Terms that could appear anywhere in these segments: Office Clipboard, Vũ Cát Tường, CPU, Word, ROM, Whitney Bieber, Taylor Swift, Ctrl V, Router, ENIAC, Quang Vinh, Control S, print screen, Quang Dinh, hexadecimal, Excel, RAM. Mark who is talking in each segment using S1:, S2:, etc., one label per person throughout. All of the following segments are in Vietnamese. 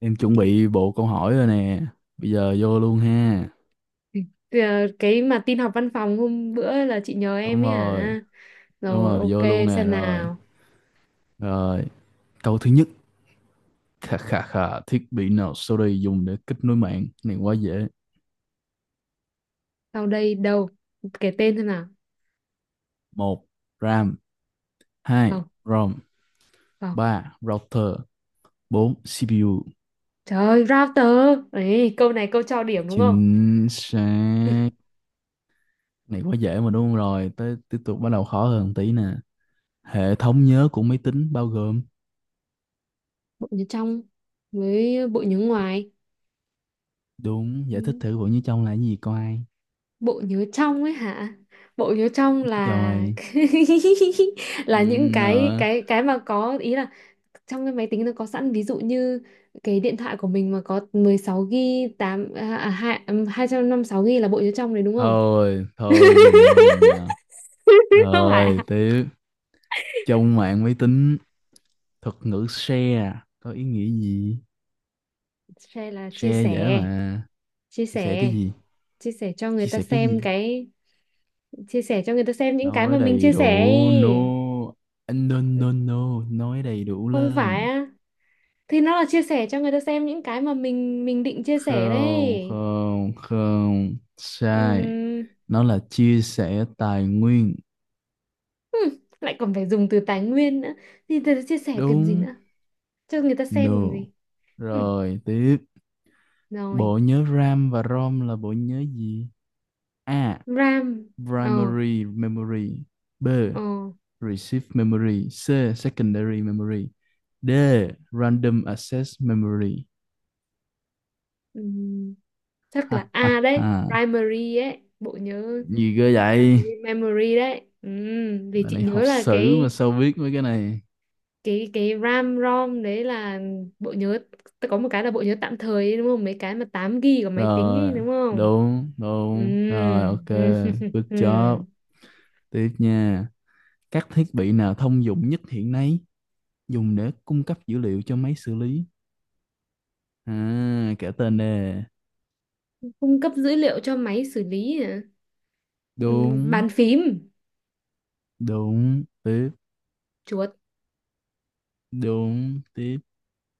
S1: Em chuẩn bị bộ câu hỏi rồi nè. Bây giờ vô luôn ha.
S2: Ờ, cái mà tin học văn phòng hôm bữa là chị nhờ
S1: Đúng
S2: em ấy
S1: rồi.
S2: hả?
S1: Đúng
S2: Rồi,
S1: rồi,
S2: ok,
S1: vô luôn nè
S2: xem
S1: rồi.
S2: nào.
S1: Rồi, câu thứ nhất. Khà khà khà, thiết bị nào sau đây dùng để kết nối mạng? Này quá dễ.
S2: Sau đây đâu? Kể tên xem nào.
S1: Một: RAM. Hai:
S2: Không,
S1: ROM.
S2: không.
S1: Ba: Router. 4. CPU.
S2: Trời ơi, router. Ấy, câu này câu cho điểm đúng không?
S1: Chính xác. Này quá dễ mà đúng không? Rồi, tới tiếp tục bắt đầu khó hơn tí nè. Hệ thống nhớ của máy tính bao gồm.
S2: Bộ nhớ trong với bộ nhớ ngoài.
S1: Đúng, giải thích
S2: Ừ,
S1: thử bộ như trong là cái gì coi.
S2: bộ nhớ trong ấy hả? Bộ nhớ trong là
S1: Rồi. Ừ,
S2: là những cái
S1: ờ.
S2: cái cái mà có ý là trong cái máy tính nó có sẵn, ví dụ như cái điện thoại của mình mà có 16 GB 8 à, à, hai- ừm, 256 GB là bộ nhớ trong đấy đúng không?
S1: Thôi thôi, dừng dừng nào.
S2: Không phải
S1: Rồi
S2: à?
S1: tiếp. Trong mạng máy tính, thuật ngữ share có ý nghĩa gì?
S2: Share là chia
S1: Share dễ
S2: sẻ,
S1: mà.
S2: chia
S1: Chia sẻ cái
S2: sẻ,
S1: gì?
S2: chia sẻ cho người
S1: Chia
S2: ta
S1: sẻ cái
S2: xem
S1: gì?
S2: cái, chia sẻ cho người ta xem những cái
S1: Nói
S2: mà mình
S1: đầy
S2: chia sẻ
S1: đủ, no.
S2: ấy.
S1: No no no, nói đầy đủ
S2: Không phải
S1: lên.
S2: á? Thì nó là chia sẻ cho người ta xem những cái mà mình định chia sẻ
S1: Không
S2: đấy.
S1: không không, sai.
S2: Ừm,
S1: Nó là chia sẻ tài nguyên.
S2: hmm, lại còn phải dùng từ tài nguyên nữa. Thì chia sẻ cần gì
S1: Đúng.
S2: nữa? Cho người ta xem còn
S1: No.
S2: gì?
S1: Rồi tiếp.
S2: Rồi
S1: Bộ nhớ RAM và ROM là bộ nhớ gì? A.
S2: RAM. Ờ.
S1: Primary memory. B.
S2: Ờ.
S1: Receive memory. C. Secondary memory. D. Random access memory.
S2: Ừm, chắc
S1: Ha
S2: là
S1: ha
S2: A đấy,
S1: ha,
S2: primary ấy, bộ nhớ
S1: gì cơ vậy?
S2: primary memory đấy. Vì
S1: Bạn
S2: chị
S1: này
S2: nhớ
S1: học
S2: là
S1: sử mà
S2: cái
S1: sao biết mấy cái này?
S2: cái RAM ROM đấy là bộ nhớ, ta có một cái là bộ nhớ tạm thời ấy, đúng không, mấy cái mà 8 GB của máy tính ấy
S1: Rồi,
S2: đúng không.
S1: đúng đúng rồi, ok.
S2: Ừm,
S1: Good job.
S2: ừm.
S1: Tiếp nha. Các thiết bị nào thông dụng nhất hiện nay dùng để cung cấp dữ liệu cho máy xử lý? À, kể tên nè.
S2: Cung cấp dữ liệu cho máy xử lý hả?
S1: Đúng.
S2: Bàn phím.
S1: Đúng tiếp.
S2: Chuột.
S1: Đúng tiếp.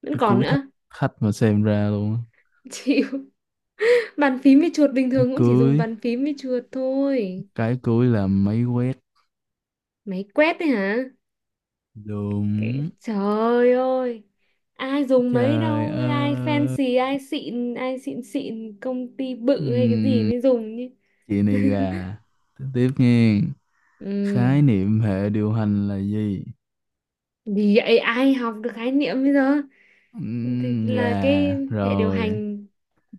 S2: Vẫn
S1: Cái
S2: còn
S1: cuối
S2: nữa.
S1: thách, khách mà xem ra luôn.
S2: Chịu. Bàn phím với chuột, bình
S1: Cái
S2: thường cũng chỉ dùng
S1: cưới,
S2: bàn phím với chuột thôi.
S1: cái cưới là máy quét.
S2: Máy quét đấy hả? Cái...
S1: Đúng.
S2: Trời ơi. Ai dùng mấy
S1: Trời
S2: đâu, ai
S1: ơi.
S2: fancy, ai xịn xịn, công ty bự hay cái gì
S1: Ừm,
S2: mới dùng chứ.
S1: chị này gà. Tiếp tiếp nghe.
S2: Ừ.
S1: Khái niệm hệ điều hành là gì?
S2: Thì vậy ai học được khái niệm bây giờ? Thì là cái
S1: Gà
S2: hệ điều
S1: rồi.
S2: hành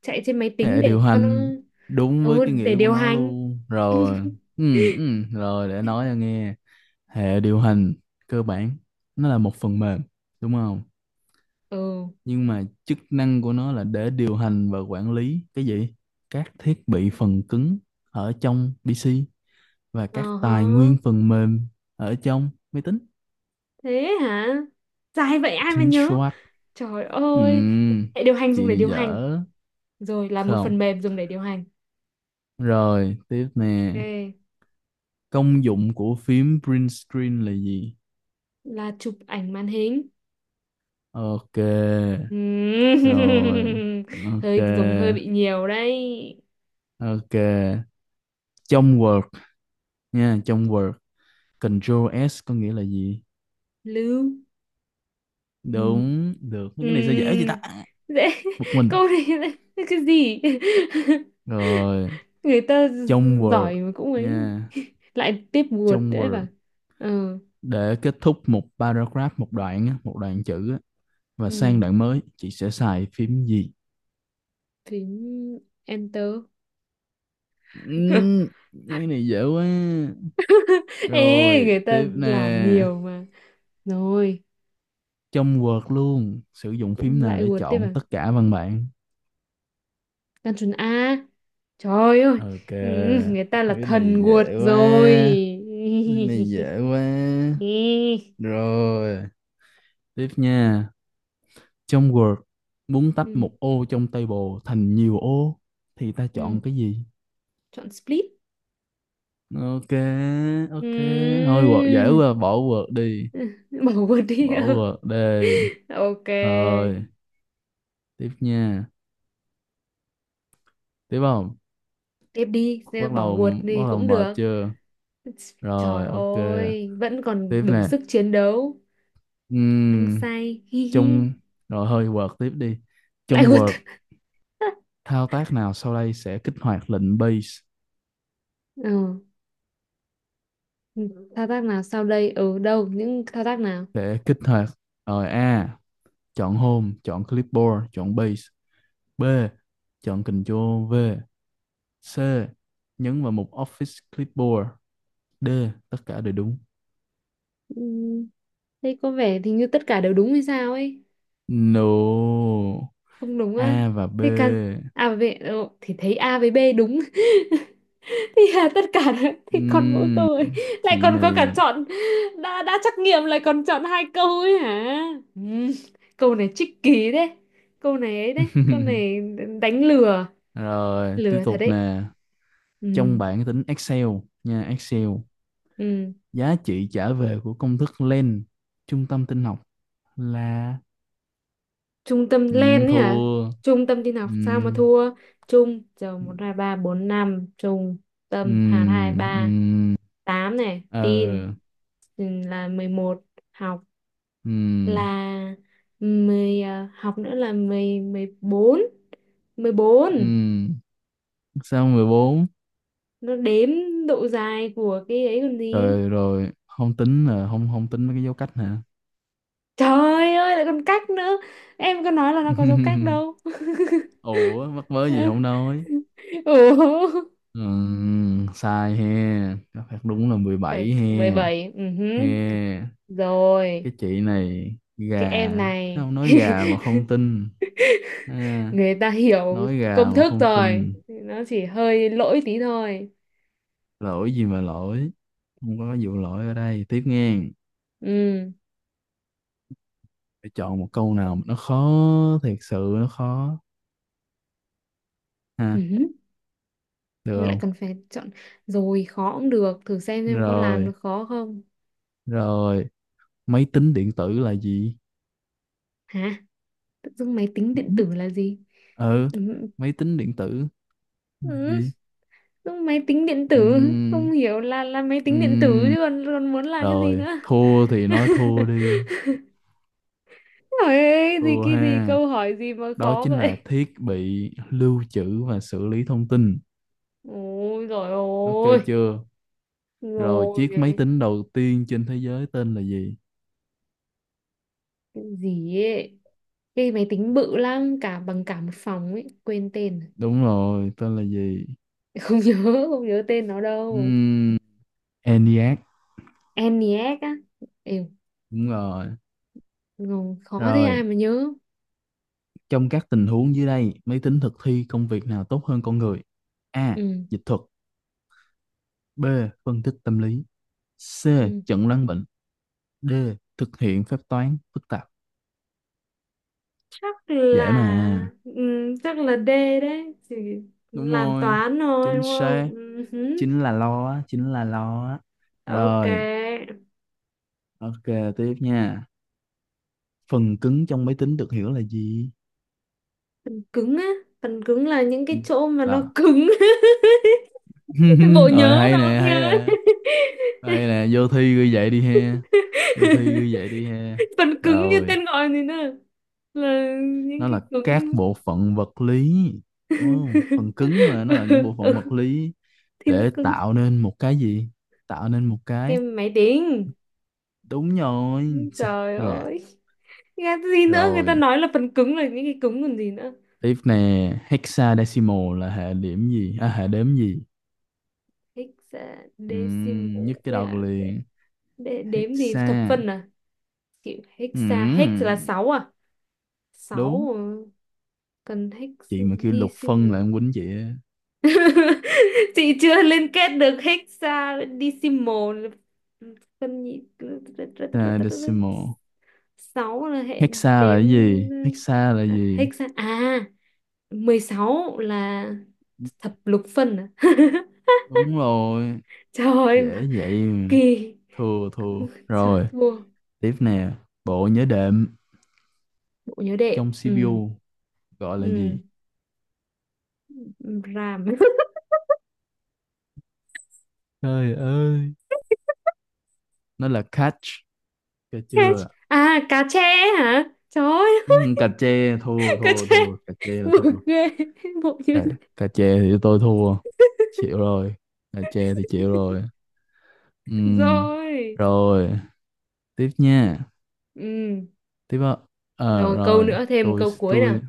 S2: chạy trên máy tính
S1: Hệ
S2: để
S1: điều
S2: cho nó,
S1: hành đúng với
S2: ừ,
S1: cái
S2: để
S1: nghĩa của
S2: điều
S1: nó
S2: hành.
S1: luôn rồi. Rồi để nói cho nghe. Hệ điều hành cơ bản nó là một phần mềm, đúng không,
S2: Ừ.
S1: nhưng mà chức năng của nó là để điều hành và quản lý cái gì? Các thiết bị phần cứng ở trong PC và
S2: Ờ
S1: các
S2: hả?
S1: tài nguyên phần mềm ở trong máy tính.
S2: Thế hả? Dài vậy ai mà
S1: Chính
S2: nhớ?
S1: xác.
S2: Trời ơi,
S1: Ừm,
S2: hệ điều hành dùng
S1: chị
S2: để
S1: này
S2: điều hành,
S1: dở.
S2: rồi là một phần
S1: Không.
S2: mềm dùng để điều hành.
S1: Rồi tiếp nè.
S2: Ok,
S1: Công dụng của phím print screen là gì?
S2: là chụp ảnh màn hình.
S1: Ok.
S2: Ừm,
S1: Rồi, ok.
S2: hơi dùng hơi bị nhiều đấy.
S1: Ok, trong Word nha, trong Word, Control S có nghĩa là gì?
S2: Lưu. Ừm,
S1: Đúng. Được mấy cái này sao dễ vậy ta?
S2: ừm, Dễ.
S1: Bực mình.
S2: Câu này cái gì?
S1: Rồi
S2: Người ta
S1: trong Word
S2: giỏi mà cũng ấy.
S1: nha,
S2: Lại tiếp buột
S1: trong
S2: đấy bà.
S1: Word,
S2: Ờ,
S1: để kết thúc một paragraph, một đoạn á, một đoạn chữ á, và sang
S2: ừm,
S1: đoạn mới chị sẽ xài phím gì?
S2: phím enter.
S1: Ừm, mấy này dễ quá.
S2: Ê,
S1: Rồi
S2: người ta
S1: tiếp nè.
S2: làm nhiều mà. Rồi.
S1: Trong Word luôn, sử dụng phím
S2: Cũng
S1: nào
S2: lại
S1: để
S2: guột tiếp
S1: chọn
S2: à.
S1: tất cả văn bản?
S2: Gan chuẩn A, trời ơi.
S1: Ok,
S2: Ừ, người ta là
S1: mấy này
S2: thần guột
S1: dễ quá,
S2: rồi.
S1: mấy này dễ quá.
S2: Ê.
S1: Rồi tiếp nha. Trong Word, muốn tách
S2: Ừ.
S1: một ô trong table thành nhiều ô thì ta
S2: Ừ.
S1: chọn cái gì?
S2: Chọn split.
S1: Ok,
S2: Ừ.
S1: ok. Thôi Word dễ quá, bỏ Word đi.
S2: Bỏ guột đi.
S1: Bỏ Word đi.
S2: Ừ. Ok,
S1: Rồi, tiếp nha. Tiếp không?
S2: tiếp đi,
S1: Bắt
S2: bỏ
S1: đầu,
S2: guột
S1: bắt
S2: thì
S1: đầu
S2: cũng
S1: mệt
S2: được.
S1: chưa?
S2: Trời
S1: Rồi, ok.
S2: ơi, vẫn còn
S1: Tiếp
S2: đủ
S1: nè.
S2: sức chiến đấu, hăng
S1: Ừm,
S2: say, hi hi.
S1: trong rồi hơi Word tiếp đi.
S2: Lại
S1: Trong
S2: guột.
S1: Word, thao tác nào sau đây sẽ kích hoạt lệnh base?
S2: Ừ. Ừ, thao tác nào sau đây, ở đâu, những thao tác nào.
S1: Để kích hoạt, rồi. A. Chọn home, chọn clipboard, chọn base. B. Chọn Ctrl V. C. Nhấn vào mục Office Clipboard. D. Tất cả đều đúng.
S2: Ừ, đây có vẻ thì như tất cả đều đúng hay sao ấy.
S1: No.
S2: Không đúng á?
S1: A và B.
S2: Thế căn A với B, ờ, thì thấy A với B đúng. Thì là tất cả đấy, thì còn mỗi
S1: Ừm,
S2: câu ấy. Lại
S1: chị
S2: còn có cả
S1: này.
S2: chọn, đã trắc nghiệm lại còn chọn hai câu ấy hả. Ừ, câu này tricky kỳ đấy, câu này ấy đấy câu này đánh lừa,
S1: Rồi, tiếp
S2: lừa thật
S1: tục
S2: đấy.
S1: nè.
S2: Ừ.
S1: Trong bảng tính Excel nha, Excel.
S2: Ừ.
S1: Giá trị trả về của công thức len trung tâm tin học là.
S2: Trung tâm lên ấy hả?
S1: Thua.
S2: Trung tâm tin học sao mà
S1: Ừm,
S2: thua? Trung, giờ một hai ba bốn năm, trung tâm hạt, hai
S1: ừm,
S2: ba
S1: ừm,
S2: tám này, tin,
S1: ờ,
S2: ừ, là mười một, học
S1: ừm,
S2: là mười, à, học nữa là mười, mười bốn, mười bốn.
S1: ừm. Sao 14?
S2: Nó đếm độ dài của cái ấy còn gì.
S1: Rồi rồi, không tính là không, không tính mấy cái dấu cách hả?
S2: Trời ơi, lại còn cách nữa, em có nói là nó có dấu cách đâu.
S1: ủa mắc mớ gì không nói.
S2: Ủa.
S1: Sai he. Đáp án đúng là 17
S2: Phải bảy
S1: he.
S2: bảy. Ừ hứ.
S1: He.
S2: Rồi.
S1: Cái chị này
S2: Cái
S1: gà
S2: em này.
S1: sao nói gà mà không tin? Ha,
S2: Người ta hiểu
S1: nói gà
S2: công
S1: mà
S2: thức
S1: không
S2: rồi,
S1: tin.
S2: nó chỉ hơi lỗi tí thôi.
S1: Lỗi gì mà lỗi, không có vụ lỗi ở đây, tiếp nghe.
S2: Ừ.
S1: Phải chọn một câu nào mà nó khó, thiệt sự nó khó.
S2: Ừ
S1: Ha,
S2: hứ.
S1: được
S2: Lại
S1: không?
S2: còn phải chọn. Rồi, khó cũng được, thử xem có làm được
S1: Rồi,
S2: khó không.
S1: rồi, máy tính điện tử là gì?
S2: Hả? Tự dưng máy tính điện tử là gì.
S1: Ừ,
S2: Ừ.
S1: máy tính điện tử
S2: Ừ.
S1: là gì?
S2: Tự dưng máy tính điện tử,
S1: Ừm,
S2: không hiểu là máy tính điện tử
S1: ừm,
S2: chứ còn, còn muốn là cái gì
S1: rồi
S2: nữa.
S1: thua thì nói thua đi.
S2: Ôi, gì
S1: Thua
S2: cái gì
S1: ha.
S2: câu hỏi gì mà
S1: Đó
S2: khó
S1: chính là
S2: vậy.
S1: thiết bị lưu trữ và xử lý thông tin.
S2: Ôi rồi
S1: Ok.
S2: ơi,
S1: Chưa? Rồi,
S2: rồi
S1: chiếc máy tính đầu tiên trên thế giới tên là gì?
S2: cái gì ấy. Cái máy tính bự lắm, cả bằng cả một phòng ấy, quên tên. Rồi.
S1: Đúng rồi, tên là gì?
S2: Không nhớ, không nhớ tên nó đâu.
S1: Ừm, ENIAC.
S2: ENIAC á. Ê,
S1: Đúng rồi.
S2: ngầu, khó thế
S1: Rồi,
S2: ai mà nhớ.
S1: trong các tình huống dưới đây, máy tính thực thi công việc nào tốt hơn con người? A.
S2: Ừ,
S1: Dịch thuật. B. Phân tích tâm lý. C.
S2: ừ.
S1: Chẩn đoán bệnh. D. Thực hiện phép toán phức tạp.
S2: Chắc là,
S1: Dễ mà.
S2: ừ, chắc là D đấy, chỉ
S1: Đúng
S2: làm
S1: rồi,
S2: toán thôi
S1: chính
S2: đúng không.
S1: xác.
S2: Ừ hứ.
S1: Chính là lo, á, chính là lo á.
S2: Ok.
S1: Rồi, ok, tiếp nha. Phần cứng trong máy tính được hiểu là gì?
S2: Phần cứng á, phần cứng là những
S1: Ừ,
S2: cái chỗ mà nó
S1: là.
S2: cứng. Bộ
S1: Rồi
S2: nhớ
S1: hay
S2: nó
S1: nè, hay
S2: nhớ.
S1: nè. Hay nè, vô thi ghi vậy đi he. Vô thi ghi vậy đi he.
S2: Phần cứng như
S1: Rồi,
S2: tên gọi này nè, là những
S1: nó
S2: cái
S1: là các
S2: cứng.
S1: bộ phận vật lý, đúng không? Phần cứng mà, nó là những bộ phận
S2: Ừ,
S1: vật lý
S2: thì nó
S1: để
S2: cứng.
S1: tạo nên một cái gì, tạo nên một
S2: Cái
S1: cái.
S2: máy tính.
S1: Đúng rồi. Chà,
S2: Trời
S1: gà.
S2: ơi, nghe gì nữa, người ta
S1: Rồi
S2: nói là phần cứng là những cái cứng còn gì nữa.
S1: tiếp nè, hexadecimal là hệ điểm gì, à, hệ đếm gì?
S2: Hexadecimal
S1: Nhức cái
S2: ấy
S1: đầu
S2: à?
S1: liền.
S2: Đếm gì, thập
S1: Hexa.
S2: phân à? Kiểu hexa, hex là
S1: Ừm,
S2: sáu à?
S1: đúng.
S2: Sáu, ờ, cần hex
S1: Chị mà kêu lục phân là
S2: decimal.
S1: em quýnh chị á.
S2: Chị chưa liên kết được hexadecimal, phân nhị,
S1: Hexadecimal.
S2: sáu là hệ
S1: Hexa là
S2: đếm.
S1: cái gì? Hexa là
S2: À,
S1: gì?
S2: hexa à, 16 là thập lục phân à?
S1: Đúng rồi.
S2: Trời ơi, mà
S1: Dễ vậy mà.
S2: kỳ.
S1: Thua thua
S2: Trời
S1: rồi.
S2: thua.
S1: Tiếp nè, bộ nhớ đệm
S2: Bộ nhớ đệm.
S1: trong
S2: Ừ.
S1: CPU gọi là gì?
S2: Ừ. Ram.
S1: Trời ơi, nó là cache. Cà
S2: Cache.
S1: chưa?
S2: À, cá tre hả, trời ơi.
S1: Ừ, cà chê. Thua
S2: Cá
S1: thua
S2: tre,
S1: thua, cà chê là thua.
S2: buồn ghê, bộ nhớ
S1: Cà,
S2: đệm.
S1: cà chê thì tôi thua. Chịu rồi. Cà chê thì chịu rồi. Ừm,
S2: Rồi.
S1: rồi tiếp nha.
S2: Ừ.
S1: Tiếp á.
S2: Rồi câu
S1: Rồi
S2: nữa, thêm một
S1: tôi
S2: câu cuối nào.
S1: tôi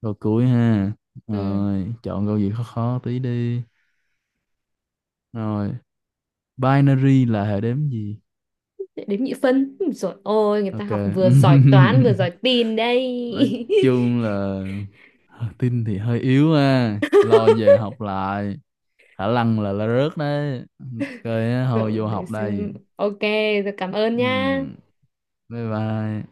S1: câu cuối ha.
S2: Ừ.
S1: Rồi chọn câu gì khó khó tí đi. Rồi, binary là hệ đếm gì?
S2: Đếm nhị phân. Ui dồi ôi, người ta
S1: Ok.
S2: học vừa giỏi toán vừa giỏi tin đây.
S1: Nói chung là tin thì hơi yếu ha. Lo về học lại. Khả năng là rớt đấy. Ok, á, thôi
S2: Rồi
S1: vô
S2: để
S1: học đây.
S2: xem. Ok, rồi cảm ơn
S1: Ừ.
S2: nha.
S1: Bye bye.